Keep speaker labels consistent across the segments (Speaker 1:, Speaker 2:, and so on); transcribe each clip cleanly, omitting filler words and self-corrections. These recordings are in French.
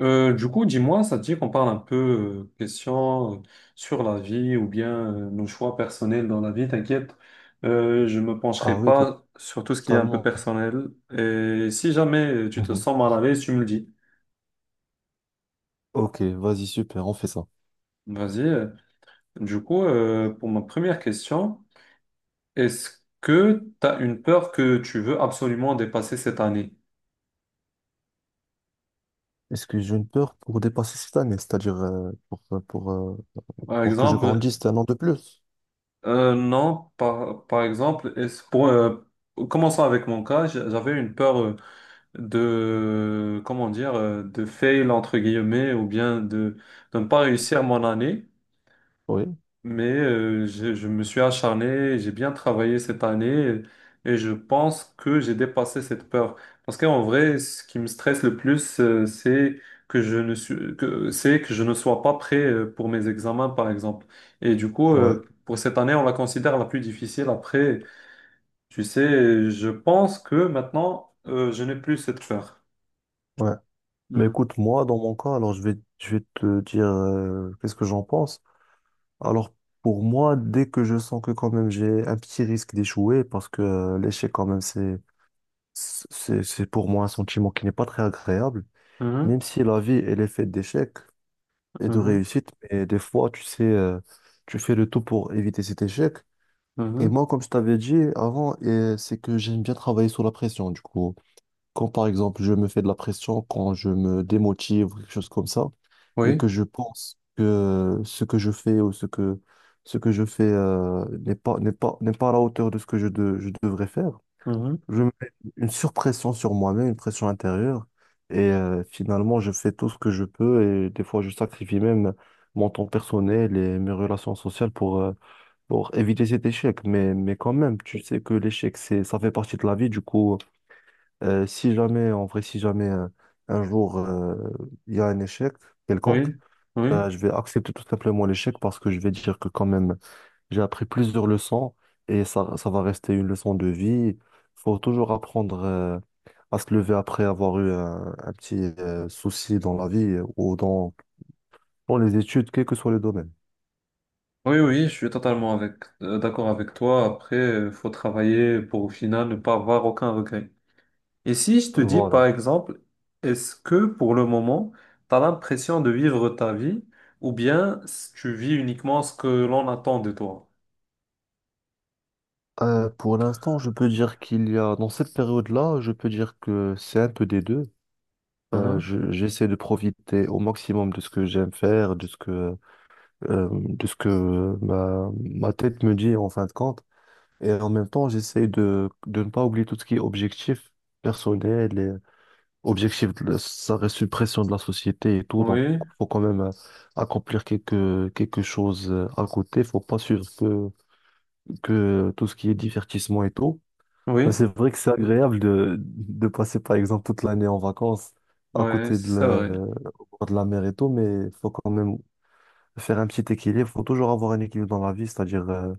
Speaker 1: Du coup, dis-moi, ça te dit qu'on parle un peu question sur la vie ou bien nos choix personnels dans la vie, t'inquiète, je me
Speaker 2: Ah
Speaker 1: pencherai
Speaker 2: oui,
Speaker 1: pas sur tout ce qui est un peu
Speaker 2: totalement.
Speaker 1: personnel. Et si jamais tu te
Speaker 2: Mhm.
Speaker 1: sens mal à l'aise, tu me le dis.
Speaker 2: Ok, vas-y, super, on fait ça.
Speaker 1: Vas-y. Du coup, pour ma première question, est-ce que tu as une peur que tu veux absolument dépasser cette année?
Speaker 2: Est-ce que j'ai une peur pour dépasser cette année, c'est-à-dire
Speaker 1: Par
Speaker 2: pour que je
Speaker 1: exemple,
Speaker 2: grandisse un an de plus?
Speaker 1: non, par exemple, commençons avec mon cas, j'avais une peur. De, comment dire, de fail entre guillemets ou bien de ne pas réussir mon année.
Speaker 2: Oui,
Speaker 1: Mais je me suis acharné, j'ai bien travaillé cette année et je pense que j'ai dépassé cette peur. Parce qu'en vrai, ce qui me stresse le plus, c'est que c'est que je ne sois pas prêt pour mes examens, par exemple. Et du coup,
Speaker 2: ouais,
Speaker 1: pour cette année, on la considère la plus difficile. Après, tu sais, je pense que maintenant, je n'ai plus cette peur.
Speaker 2: ouais. Mais
Speaker 1: Mhm.
Speaker 2: écoute, moi, dans mon cas, alors je vais te dire qu'est-ce que j'en pense. Alors, pour moi, dès que je sens que quand même j'ai un petit risque d'échouer, parce que l'échec, quand même, c'est pour moi un sentiment qui n'est pas très agréable,
Speaker 1: Mhm.
Speaker 2: même si la vie, elle est faite d'échecs et de
Speaker 1: Mhm,
Speaker 2: réussite. Mais des fois, tu sais, tu fais le tout pour éviter cet échec. Et
Speaker 1: mhm,
Speaker 2: moi, comme je t'avais dit avant, et c'est que j'aime bien travailler sous la pression. Du coup, quand par exemple, je me fais de la pression, quand je me démotive ou quelque chose comme ça, et
Speaker 1: oui,
Speaker 2: que je pense que ce que je fais ou ce que je fais n'est pas à la hauteur de ce que je devrais faire,
Speaker 1: mhm,
Speaker 2: je mets une surpression sur moi-même, une pression intérieure. Et finalement, je fais tout ce que je peux. Et des fois, je sacrifie même mon temps personnel et mes relations sociales pour éviter cet échec. Mais quand même, tu sais que l'échec, c'est, ça fait partie de la vie. Du coup, si jamais, en vrai, si jamais un jour, il y a un échec quelconque,
Speaker 1: oui, oui,
Speaker 2: je vais accepter tout simplement l'échec parce que je vais dire que quand même, j'ai appris plusieurs leçons et ça va rester une leçon de vie. Faut toujours apprendre à se lever après avoir eu un petit souci dans la vie ou dans, dans les études, quel que soit le domaine.
Speaker 1: oui, oui, je suis totalement avec, d'accord avec toi. Après, faut travailler pour au final ne pas avoir aucun regret. Et si je te dis, par
Speaker 2: Voilà.
Speaker 1: exemple, est-ce que pour le moment, tu as l'impression de vivre ta vie ou bien tu vis uniquement ce que l'on attend de toi?
Speaker 2: Pour l'instant, je peux dire qu'il y a, dans cette période-là, je peux dire que c'est un peu des deux.
Speaker 1: Mhm,
Speaker 2: J'essaie de profiter au maximum de ce que j'aime faire, de ce que ma tête me dit en fin de compte. Et en même temps, j'essaie de ne pas oublier tout ce qui est objectif personnel et objectif, ça reste une pression de la société et tout. Donc,
Speaker 1: oui,
Speaker 2: faut quand même accomplir quelque, quelque chose à côté. Faut pas suivre que tout ce qui est divertissement et tout.
Speaker 1: oui,
Speaker 2: Ben,
Speaker 1: oui,
Speaker 2: c'est vrai que c'est agréable de passer, par exemple, toute l'année en vacances à
Speaker 1: ouais,
Speaker 2: côté de la,
Speaker 1: c'est vrai.
Speaker 2: euh, au bord de la mer et tout, mais faut quand même faire un petit équilibre. Faut toujours avoir un équilibre dans la vie, c'est-à-dire,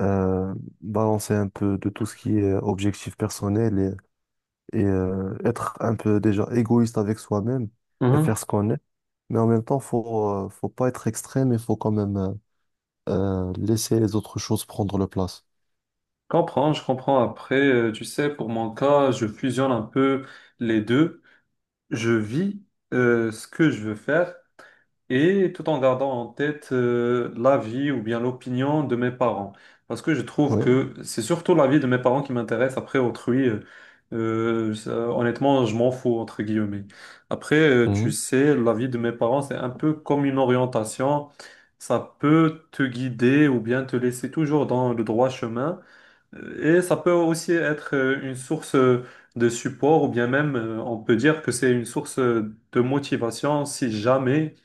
Speaker 2: euh, balancer un peu de tout ce qui est objectif personnel et, être un peu déjà égoïste avec soi-même et faire
Speaker 1: Mhm,
Speaker 2: ce qu'on est. Mais en même temps, faut, faut pas être extrême, il faut quand même laisser les autres choses prendre leur place.
Speaker 1: comprends, je comprends. Après, tu sais, pour mon cas, je fusionne un peu les deux. Je vis ce que je veux faire et tout en gardant en tête l'avis ou bien l'opinion de mes parents. Parce que je trouve
Speaker 2: Oui.
Speaker 1: que c'est surtout l'avis de mes parents qui m'intéresse. Après, autrui, honnêtement, je m'en fous, entre guillemets. Après, tu
Speaker 2: Mhm.
Speaker 1: sais, l'avis de mes parents, c'est un peu comme une orientation. Ça peut te guider ou bien te laisser toujours dans le droit chemin. Et ça peut aussi être une source de support ou bien même on peut dire que c'est une source de motivation si jamais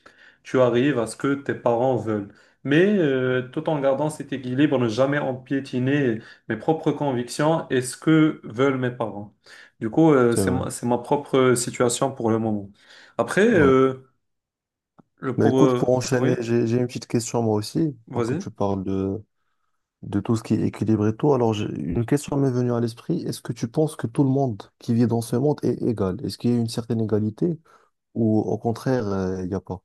Speaker 1: tu arrives à ce que tes parents veulent. Mais tout en gardant cet équilibre, ne jamais empiétiner mes propres convictions et ce que veulent mes parents. Du coup,
Speaker 2: C'est vrai.
Speaker 1: c'est ma propre situation pour le moment. Après,
Speaker 2: Ouais. Mais écoute, pour
Speaker 1: oui,
Speaker 2: enchaîner, j'ai une petite question moi aussi, tant que
Speaker 1: vas-y.
Speaker 2: tu parles de tout ce qui est équilibre et tout. Alors, une question m'est venue à l'esprit. Est-ce que tu penses que tout le monde qui vit dans ce monde est égal? Est-ce qu'il y a une certaine égalité? Ou au contraire, il n'y a pas.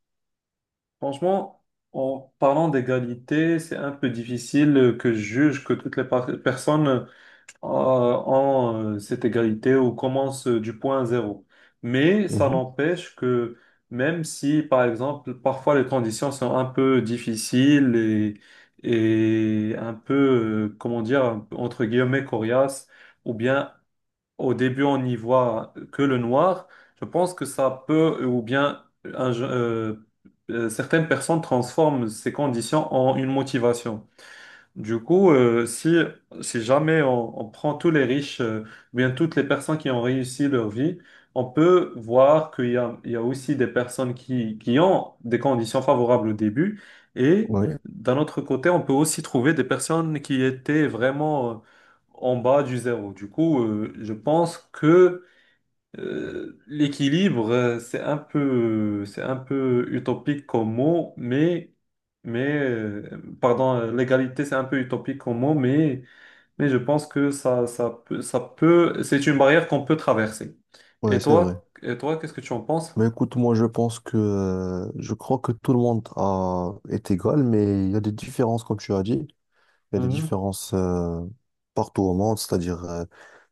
Speaker 1: Franchement, en parlant d'égalité, c'est un peu difficile que je juge que toutes les personnes ont cette égalité ou commencent du point zéro. Mais ça
Speaker 2: Mhm.
Speaker 1: n'empêche que même si, par exemple, parfois les conditions sont un peu difficiles et un peu, comment dire, entre guillemets, coriaces, ou bien au début on n'y voit que le noir, je pense que ça peut ou bien un je- euh, certaines personnes transforment ces conditions en une motivation. Du coup, si jamais on prend tous les riches, ou bien toutes les personnes qui ont réussi leur vie, on peut voir qu'il y a, il y a aussi des personnes qui ont des conditions favorables au début. Et
Speaker 2: Oui,
Speaker 1: d'un autre côté, on peut aussi trouver des personnes qui étaient vraiment en bas du zéro. Du coup, je pense que l'équilibre, c'est un peu utopique comme mot, mais pardon, l'égalité, c'est un peu utopique comme mot, mais je pense que ça peut, c'est une barrière qu'on peut traverser.
Speaker 2: oui, c'est vrai.
Speaker 1: Et toi, qu'est-ce que tu en penses?
Speaker 2: Mais écoute, moi je pense que je crois que tout le monde a, est égal, mais il y a des différences, comme tu as dit. Il y a des
Speaker 1: Mhm,
Speaker 2: différences partout au monde, c'est-à-dire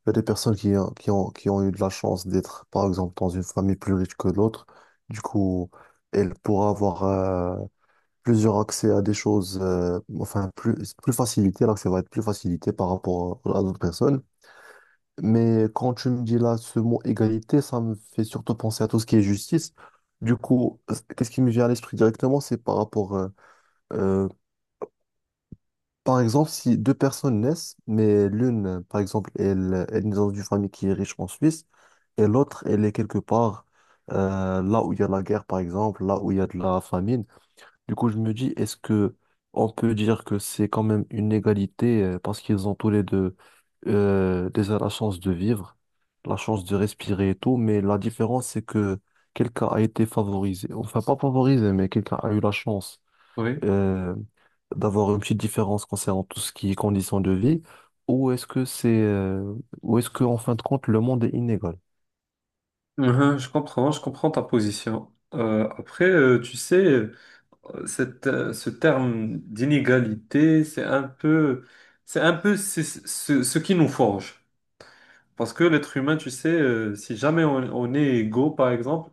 Speaker 2: il y a des personnes qui ont eu de la chance d'être, par exemple, dans une famille plus riche que l'autre. Du coup, elle pourra avoir plusieurs accès à des choses, enfin, plus, plus facilité. L'accès va être plus facilité par rapport à d'autres personnes. Mais quand tu me dis là ce mot égalité, ça me fait surtout penser à tout ce qui est justice. Du coup, qu'est-ce qui me vient à l'esprit directement, c'est par rapport, euh, par exemple, si deux personnes naissent, mais l'une, par exemple, elle, elle est dans une famille qui est riche en Suisse, et l'autre, elle est quelque part là où il y a la guerre, par exemple, là où il y a de la famine. Du coup, je me dis, est-ce que on peut dire que c'est quand même une égalité parce qu'ils ont tous les deux déjà la chance de vivre, la chance de respirer et tout, mais la différence, c'est que quelqu'un a été favorisé, enfin pas favorisé, mais quelqu'un a eu la chance
Speaker 1: oui,
Speaker 2: euh, d'avoir une petite différence concernant tout ce qui est conditions de vie, ou est-ce que c'est, ou est-ce que en fin de compte, le monde est inégal?
Speaker 1: mhm, je comprends ta position. Après, tu sais, ce terme d'inégalité, c'est un peu ce qui nous forge. Parce que l'être humain, tu sais, si jamais on est égaux, par exemple,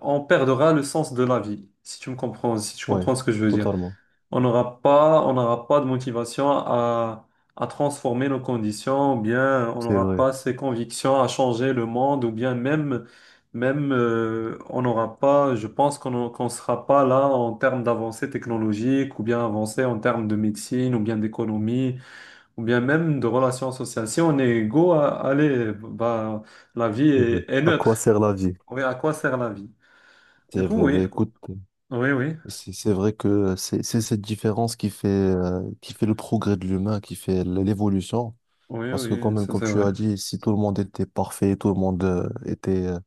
Speaker 1: on perdra le sens de la vie, si tu me comprends, si tu
Speaker 2: Ouais,
Speaker 1: comprends ce que je veux dire.
Speaker 2: totalement.
Speaker 1: On n'aura pas de motivation à transformer nos conditions, ou bien on
Speaker 2: C'est
Speaker 1: n'aura
Speaker 2: vrai,
Speaker 1: pas ces convictions à changer le monde, ou bien même, même on n'aura pas, je pense qu'on sera pas là en termes d'avancée technologique, ou bien avancée en termes de médecine, ou bien d'économie ou bien même de relations sociales. Si on est égaux, allez, bah,
Speaker 2: c'est vrai.
Speaker 1: est
Speaker 2: À quoi
Speaker 1: neutre.
Speaker 2: sert la vie?
Speaker 1: Oui, à quoi sert la vie? Du
Speaker 2: C'est
Speaker 1: coup,
Speaker 2: vrai. Bah,
Speaker 1: oui,
Speaker 2: écoute.
Speaker 1: oui, oui,
Speaker 2: C'est vrai que c'est cette différence qui fait le progrès de l'humain, qui fait l'évolution.
Speaker 1: oui,
Speaker 2: Parce que quand
Speaker 1: oui,
Speaker 2: même,
Speaker 1: ça
Speaker 2: comme
Speaker 1: c'est
Speaker 2: tu
Speaker 1: vrai.
Speaker 2: as dit, si tout le monde était parfait, tout le monde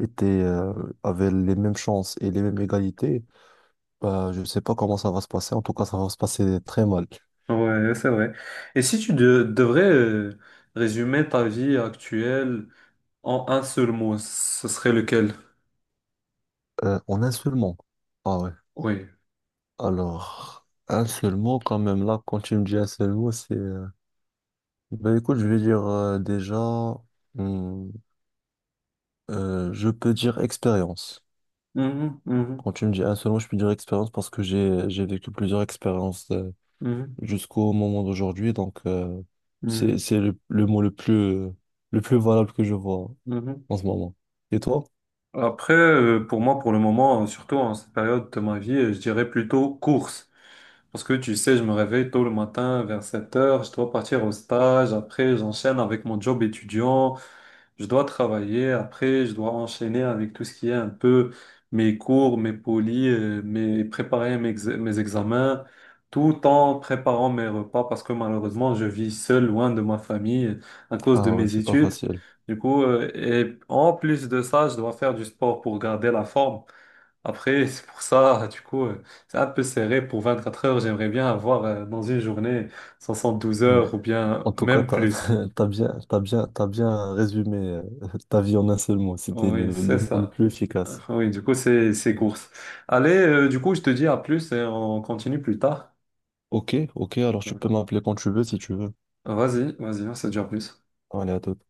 Speaker 2: était, euh, avait les mêmes chances et les mêmes égalités, bah, je ne sais pas comment ça va se passer. En tout cas, ça va se passer très mal.
Speaker 1: Oui, c'est vrai. Et si tu devrais résumer ta vie actuelle en un seul mot, ce serait lequel?
Speaker 2: En un seul mot. Ah ouais.
Speaker 1: Oui.
Speaker 2: Alors, un seul mot quand même. Là, quand tu me dis un seul mot, c'est... bah écoute, je vais dire hum, je peux dire expérience.
Speaker 1: Mhm, mhm,
Speaker 2: Quand tu me dis un seul mot, je peux dire expérience parce que j'ai vécu plusieurs expériences
Speaker 1: mhm,
Speaker 2: jusqu'au moment d'aujourd'hui. Donc, c'est
Speaker 1: mhm,
Speaker 2: le mot le plus valable que je vois
Speaker 1: mhm.
Speaker 2: en ce moment. Et toi?
Speaker 1: Après, pour moi, pour le moment, surtout en cette période de ma vie, je dirais plutôt course. Parce que tu sais, je me réveille tôt le matin vers 7 heures, je dois partir au stage, après j'enchaîne avec mon job étudiant, je dois travailler, après je dois enchaîner avec tout ce qui est un peu mes cours, mes polis, mes préparer mes examens, tout en préparant mes repas parce que malheureusement je vis seul loin de ma famille à cause de
Speaker 2: Ah ouais,
Speaker 1: mes
Speaker 2: c'est pas
Speaker 1: études.
Speaker 2: facile.
Speaker 1: Du coup, et en plus de ça, je dois faire du sport pour garder la forme. Après, c'est pour ça, du coup, c'est un peu serré pour 24 heures. J'aimerais bien avoir dans une journée soixante douze
Speaker 2: Ouais.
Speaker 1: heures ou bien
Speaker 2: En tout cas,
Speaker 1: même plus.
Speaker 2: t'as bien résumé ta vie en un seul mot. C'était
Speaker 1: Oui,
Speaker 2: le
Speaker 1: c'est
Speaker 2: mot le
Speaker 1: ça.
Speaker 2: plus efficace.
Speaker 1: Oui, du coup, c'est course. Allez, du coup, je te dis à plus et on continue plus tard.
Speaker 2: Ok, ok, alors tu peux m'appeler quand tu veux si tu veux.
Speaker 1: Vas-y, vas-y, on se dit à plus.
Speaker 2: Allez, à toute.